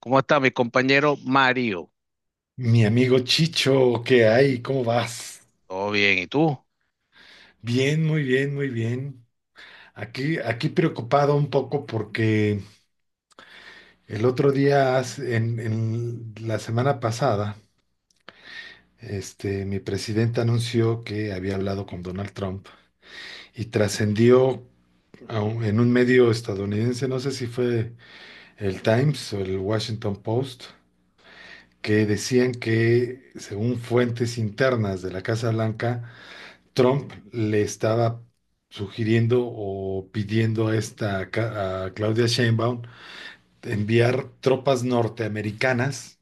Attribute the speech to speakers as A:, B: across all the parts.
A: ¿Cómo está mi compañero Mario?
B: Mi amigo Chicho, ¿qué hay? ¿Cómo vas?
A: Todo bien, ¿y tú?
B: Bien, muy bien, muy bien. Aquí preocupado un poco porque el otro día, en la semana pasada, mi presidente anunció que había hablado con Donald Trump y trascendió en un medio estadounidense, no sé si fue el Times o el Washington Post, que decían que, según fuentes internas de la Casa Blanca, Trump le estaba sugiriendo o pidiendo a Claudia Sheinbaum enviar tropas norteamericanas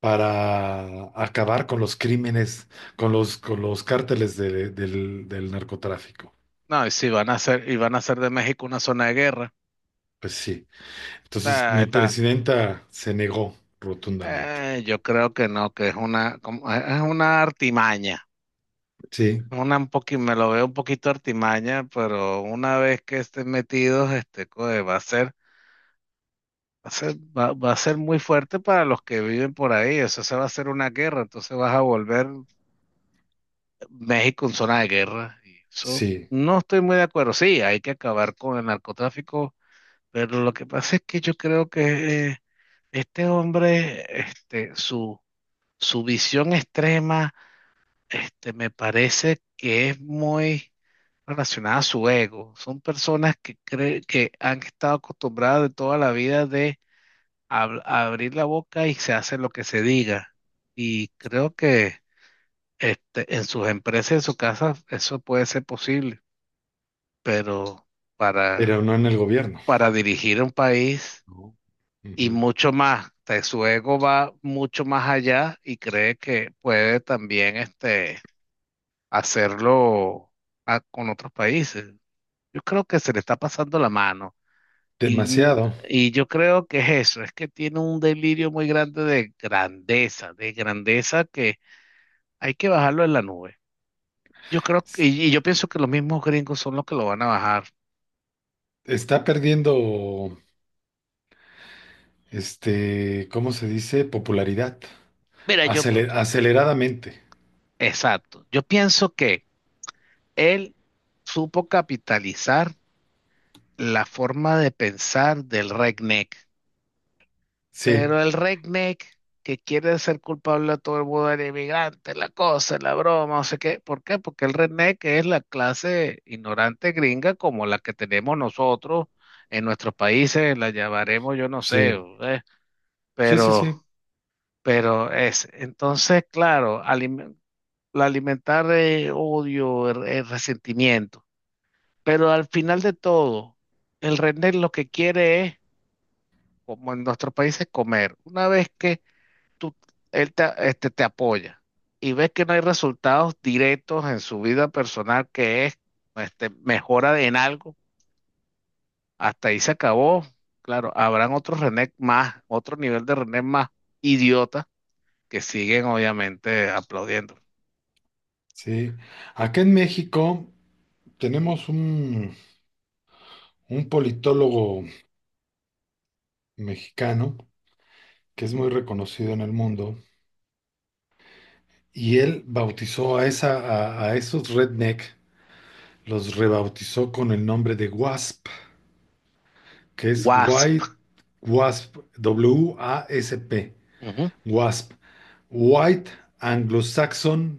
B: para acabar con los crímenes, con los cárteles del narcotráfico.
A: No, y si van a hacer, y van a hacer de México una zona de guerra.
B: Pues sí.
A: O
B: Entonces
A: sea,
B: mi
A: está,
B: presidenta se negó rotundamente.
A: yo creo que no, que es una artimaña.
B: Sí,
A: Me lo veo un poquito artimaña, pero una vez que estén metidos, coe, va a ser, va a ser, va, va a ser muy fuerte para los que viven por ahí. Eso se va a hacer una guerra, entonces vas a volver México en zona de guerra. Y eso
B: sí,
A: no estoy muy de acuerdo. Sí, hay que acabar con el narcotráfico. Pero lo que pasa es que yo creo que este hombre, su visión extrema, me parece que es muy relacionada a su ego. Son personas que creen que han estado acostumbradas de toda la vida de abrir la boca y se hace lo que se diga. Y creo que en sus empresas, en su casa, eso puede ser posible. Pero para,
B: pero no en el gobierno.
A: para dirigir un país.
B: No.
A: Y
B: Ujú.
A: mucho más. Su ego va mucho más allá y cree que puede también hacerlo con otros países. Yo creo que se le está pasando la mano. Y, n-
B: Demasiado.
A: y yo creo que es eso, es que tiene un delirio muy grande de grandeza, que hay que bajarlo en la nube. Yo creo que,
B: S-
A: y yo pienso que los mismos gringos son los que lo van a bajar.
B: Está perdiendo. ¿Cómo se dice? Popularidad.
A: Mira,
B: Aceleradamente.
A: exacto, yo pienso que él supo capitalizar la forma de pensar del redneck.
B: Sí,
A: Pero el redneck que quiere ser culpable a todo el mundo del inmigrante, la cosa, la broma, no sé qué. ¿Por qué? Porque el redneck es la clase ignorante gringa como la que tenemos nosotros en nuestros países, la llamaremos, yo no sé,
B: sí,
A: ¿eh?
B: sí, sí,
A: Pero,
B: sí,
A: pero es. Entonces, claro, la alimentar odio, el resentimiento. Pero al final de todo, el redneck lo que quiere es como en nuestro país es comer. Una vez que tú, él te, este, te apoya y ves que no hay resultados directos en su vida personal, que es mejora en algo, hasta ahí se acabó. Claro, habrán otros René más, otro nivel de René más idiota que siguen obviamente aplaudiendo.
B: sí. Acá en México tenemos un politólogo mexicano que es muy reconocido en el mundo y él bautizó a esos redneck, los rebautizó con el nombre de WASP, que es
A: WASP,
B: White WASP, WASP,
A: ujú,
B: WASP, White Anglo-Saxon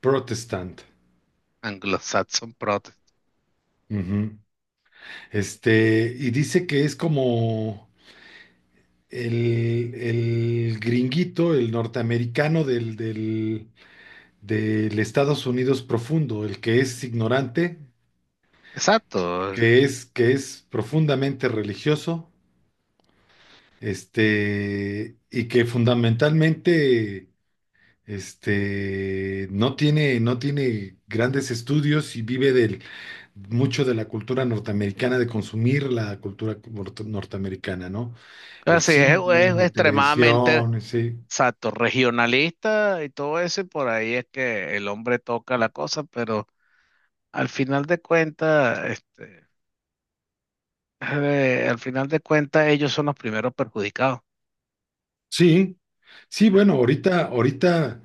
B: Protestant.
A: Anglo-Saxon Protest.
B: Ujú. Y dice que es como el gringuito, el norteamericano del Estados Unidos profundo, el que es ignorante,
A: Exacto.
B: que es profundamente religioso, y que fundamentalmente no tiene grandes estudios y vive del mucho de la cultura norteamericana, de consumir la cultura norteamericana, ¿no? El
A: Así es,
B: cine,
A: es
B: la
A: extremadamente
B: televisión, sí.
A: exacto, regionalista y todo eso, y por ahí es que el hombre toca la cosa, pero al final de cuentas, este, al final de cuentas, ellos son los primeros perjudicados.
B: Sí, sí, bueno, ahorita,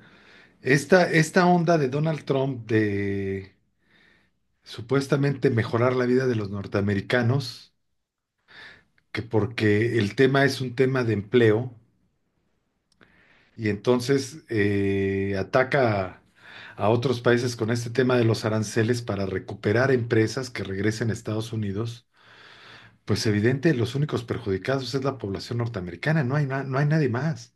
B: esta onda de Donald Trump de supuestamente mejorar la vida de los norteamericanos, que porque el tema es un tema de empleo, y entonces ataca a otros países con este tema de los aranceles para recuperar empresas que regresen a Estados Unidos. Pues evidente, los únicos perjudicados es la población norteamericana, no hay, no hay nadie más.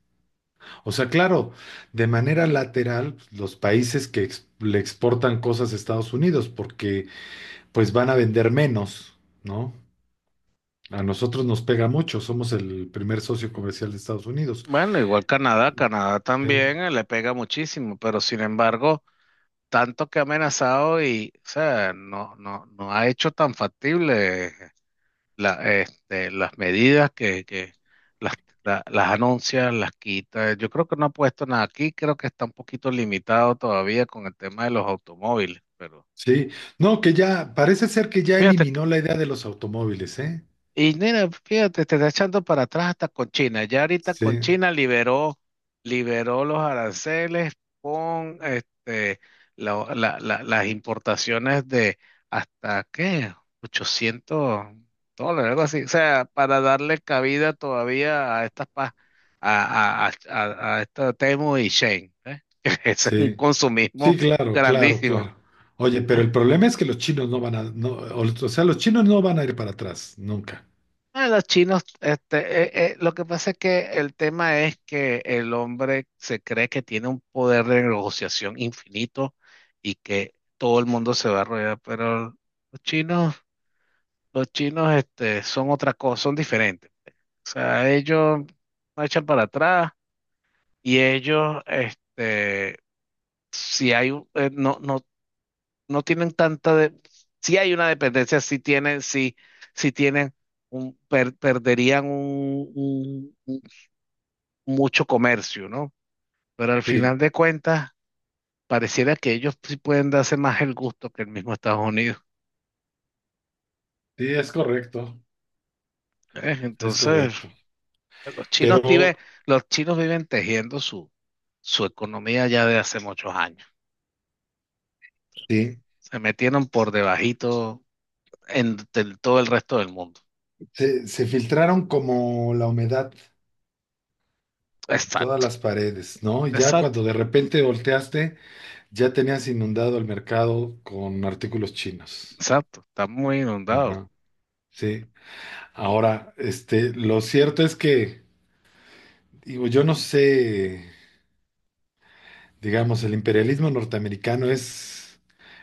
B: O sea, claro, de manera lateral, los países que le exportan cosas a Estados Unidos, porque pues van a vender menos, ¿no? A nosotros nos pega mucho, somos el primer socio comercial de Estados Unidos.
A: Bueno, igual Canadá
B: ¿Eh?
A: también le pega muchísimo, pero sin embargo, tanto que ha amenazado y, o sea, no, no, no ha hecho tan factible las medidas que las, las anuncia, las quita. Yo creo que no ha puesto nada aquí, creo que está un poquito limitado todavía con el tema de los automóviles, pero
B: Sí, no, que ya, parece ser que ya
A: fíjate,
B: eliminó la idea de los automóviles, ¿eh?
A: y mira, fíjate, te está echando para atrás hasta con China. Ya ahorita con
B: Sí,
A: China liberó los aranceles con las importaciones de hasta, ¿qué? $800, algo así. O sea, para darle cabida todavía a estas pa- a, a, a, a esta Temu y Shein, ¿eh? Ese es un
B: sí. Sí,
A: consumismo
B: claro, claro,
A: grandísimo.
B: claro. Oye, pero el problema es que los chinos no van a, no, o sea, los chinos no van a ir para atrás, nunca.
A: Ah, los chinos, lo que pasa es que el tema es que el hombre se cree que tiene un poder de negociación infinito y que todo el mundo se va a arrodillar, pero los chinos, los chinos, son otra cosa, son diferentes. O sea, ellos no echan para atrás y ellos, no, no, no tienen tanta de, si hay una dependencia, si tienen un, perderían un, mucho comercio, ¿no? Pero al
B: Sí,
A: final de cuentas, pareciera que ellos sí pueden darse más el gusto que el mismo Estados Unidos.
B: sí, es correcto,
A: ¿Eh?
B: es
A: Entonces,
B: correcto.
A: los chinos
B: Pero
A: viven, los chinos viven tejiendo su economía ya de hace muchos años.
B: sí,
A: Se metieron por debajito todo el resto del mundo.
B: se filtraron como la humedad en todas
A: Exacto,
B: las paredes, ¿no? Y ya
A: exacto,
B: cuando de repente volteaste, ya tenías inundado el mercado con artículos chinos.
A: exacto. Está muy inundado.
B: Ajá, sí. Ahora, lo cierto es que, digo, yo no sé. Digamos, el imperialismo norteamericano es,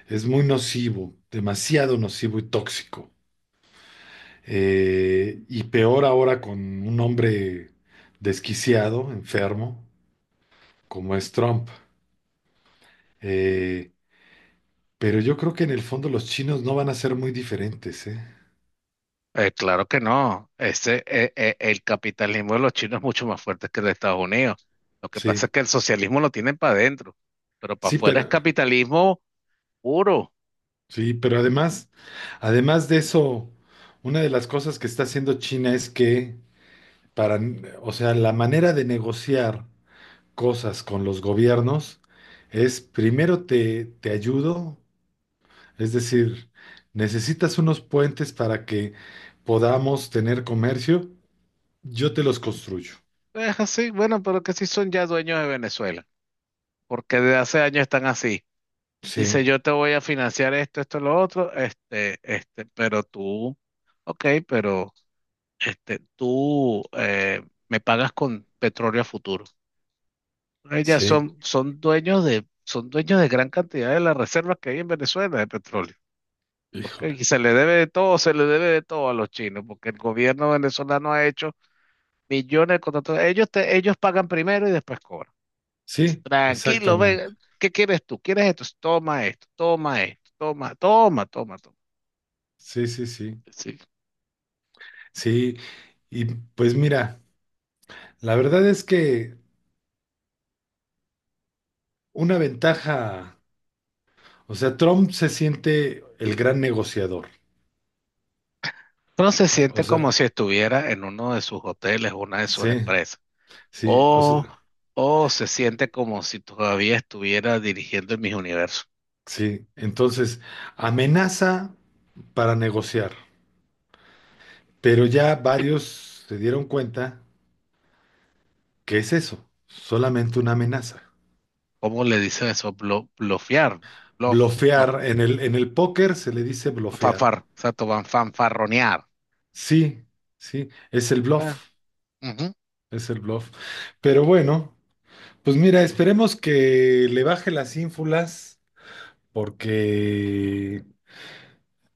B: es muy nocivo, demasiado nocivo y tóxico. Y peor ahora con un hombre desquiciado, enfermo, como es Trump. Eh, pero yo creo que en el fondo los chinos no van a ser muy diferentes, ¿eh?
A: Claro que no. El capitalismo de los chinos es mucho más fuerte que el de Estados Unidos. Lo que
B: Sí,
A: pasa es que el socialismo lo tienen para adentro, pero para
B: sí,
A: afuera es
B: pero,
A: capitalismo puro.
B: sí, pero además de eso, una de las cosas que está haciendo China es que para, o sea, la manera de negociar cosas con los gobiernos es primero te ayudo, es decir, necesitas unos puentes para que podamos tener comercio, yo te los construyo.
A: Es así, bueno, pero que sí son ya dueños de Venezuela, porque desde hace años están así. Dice,
B: Sí,
A: yo te voy a financiar esto, esto, lo otro, pero tú, ok, pero tú me pagas con petróleo a futuro. Ellas
B: sí,
A: son dueños de, son dueños de gran cantidad de las reservas que hay en Venezuela de petróleo. Porque
B: híjole.
A: y se le debe de todo a los chinos, porque el gobierno venezolano ha hecho millones de contratos. Ellos pagan primero y después cobran.
B: Sí,
A: Tranquilo,
B: exactamente.
A: ven, ¿qué quieres tú? ¿Quieres esto? Toma esto, toma esto, toma, toma, toma, toma.
B: Sí, sí, sí.
A: Sí.
B: Sí, y pues mira, la verdad es que una ventaja, o sea, Trump se siente el gran negociador.
A: Uno se
B: O
A: siente como
B: sea,
A: si estuviera en uno de sus hoteles, una de sus
B: sí,
A: empresas.
B: sí, o
A: O,
B: sea.
A: o se siente como si todavía estuviera dirigiendo el Miss Universo.
B: Sí, entonces amenaza para negociar, pero ya varios se dieron cuenta que es eso, solamente una amenaza.
A: ¿Cómo le dicen eso? Blofear, bluff, no,
B: Blofear, en el póker se le dice blofear.
A: exacto, van fanfarronear.
B: Sí, sí, es el
A: Bueno,
B: bluff,
A: ujú,
B: es el bluff. Pero bueno, pues mira, esperemos que le baje las ínfulas porque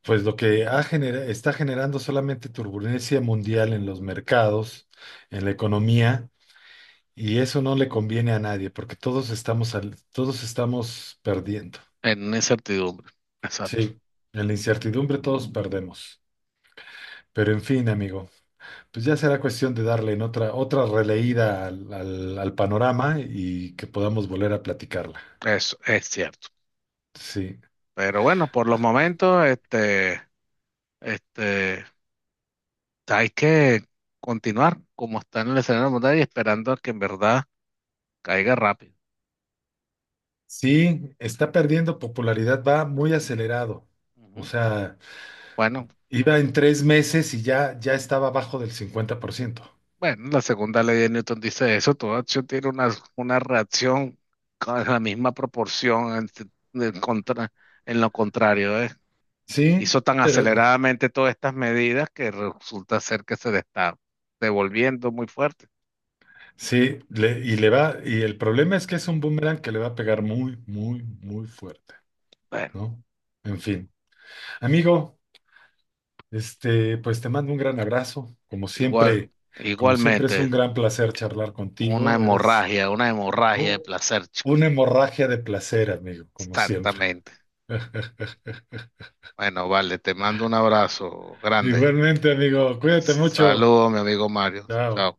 B: pues lo que está generando solamente turbulencia mundial en los mercados, en la economía. Y eso no le conviene a nadie, porque todos estamos, todos estamos perdiendo.
A: en incertidumbre, exacto,
B: Sí, en la incertidumbre todos perdemos. Pero en fin, amigo, pues ya será cuestión de darle en otra releída al panorama y que podamos volver a platicarla.
A: eso es cierto.
B: Sí.
A: Pero bueno, por los momentos, este, hay que continuar como está en el escenario mundial y esperando a que en verdad caiga rápido.
B: Sí, está perdiendo popularidad, va muy acelerado. O
A: Ujú.
B: sea,
A: Bueno,
B: iba en 3 meses y ya estaba abajo del 50%.
A: bueno, la segunda ley de Newton dice eso, toda acción tiene una reacción con la misma proporción en, en contra- en lo contrario, ¿eh?
B: Sí,
A: Hizo tan
B: pero
A: aceleradamente todas estas medidas que resulta ser que se le está devolviendo muy fuerte.
B: sí, y le va, y el problema es que es un boomerang que le va a pegar muy, muy, muy fuerte,
A: Bueno,
B: ¿no? En fin, amigo, pues te mando un gran abrazo.
A: igual,
B: Como siempre es un
A: igualmente,
B: gran placer charlar contigo. Eres
A: una hemorragia de
B: u-
A: placer, chicos.
B: una hemorragia de placer, amigo, como siempre.
A: Exactamente. Bueno, vale, te mando un abrazo grande.
B: Igualmente, amigo, cuídate mucho.
A: Saludos, mi amigo Mario.
B: Chao.
A: Chao.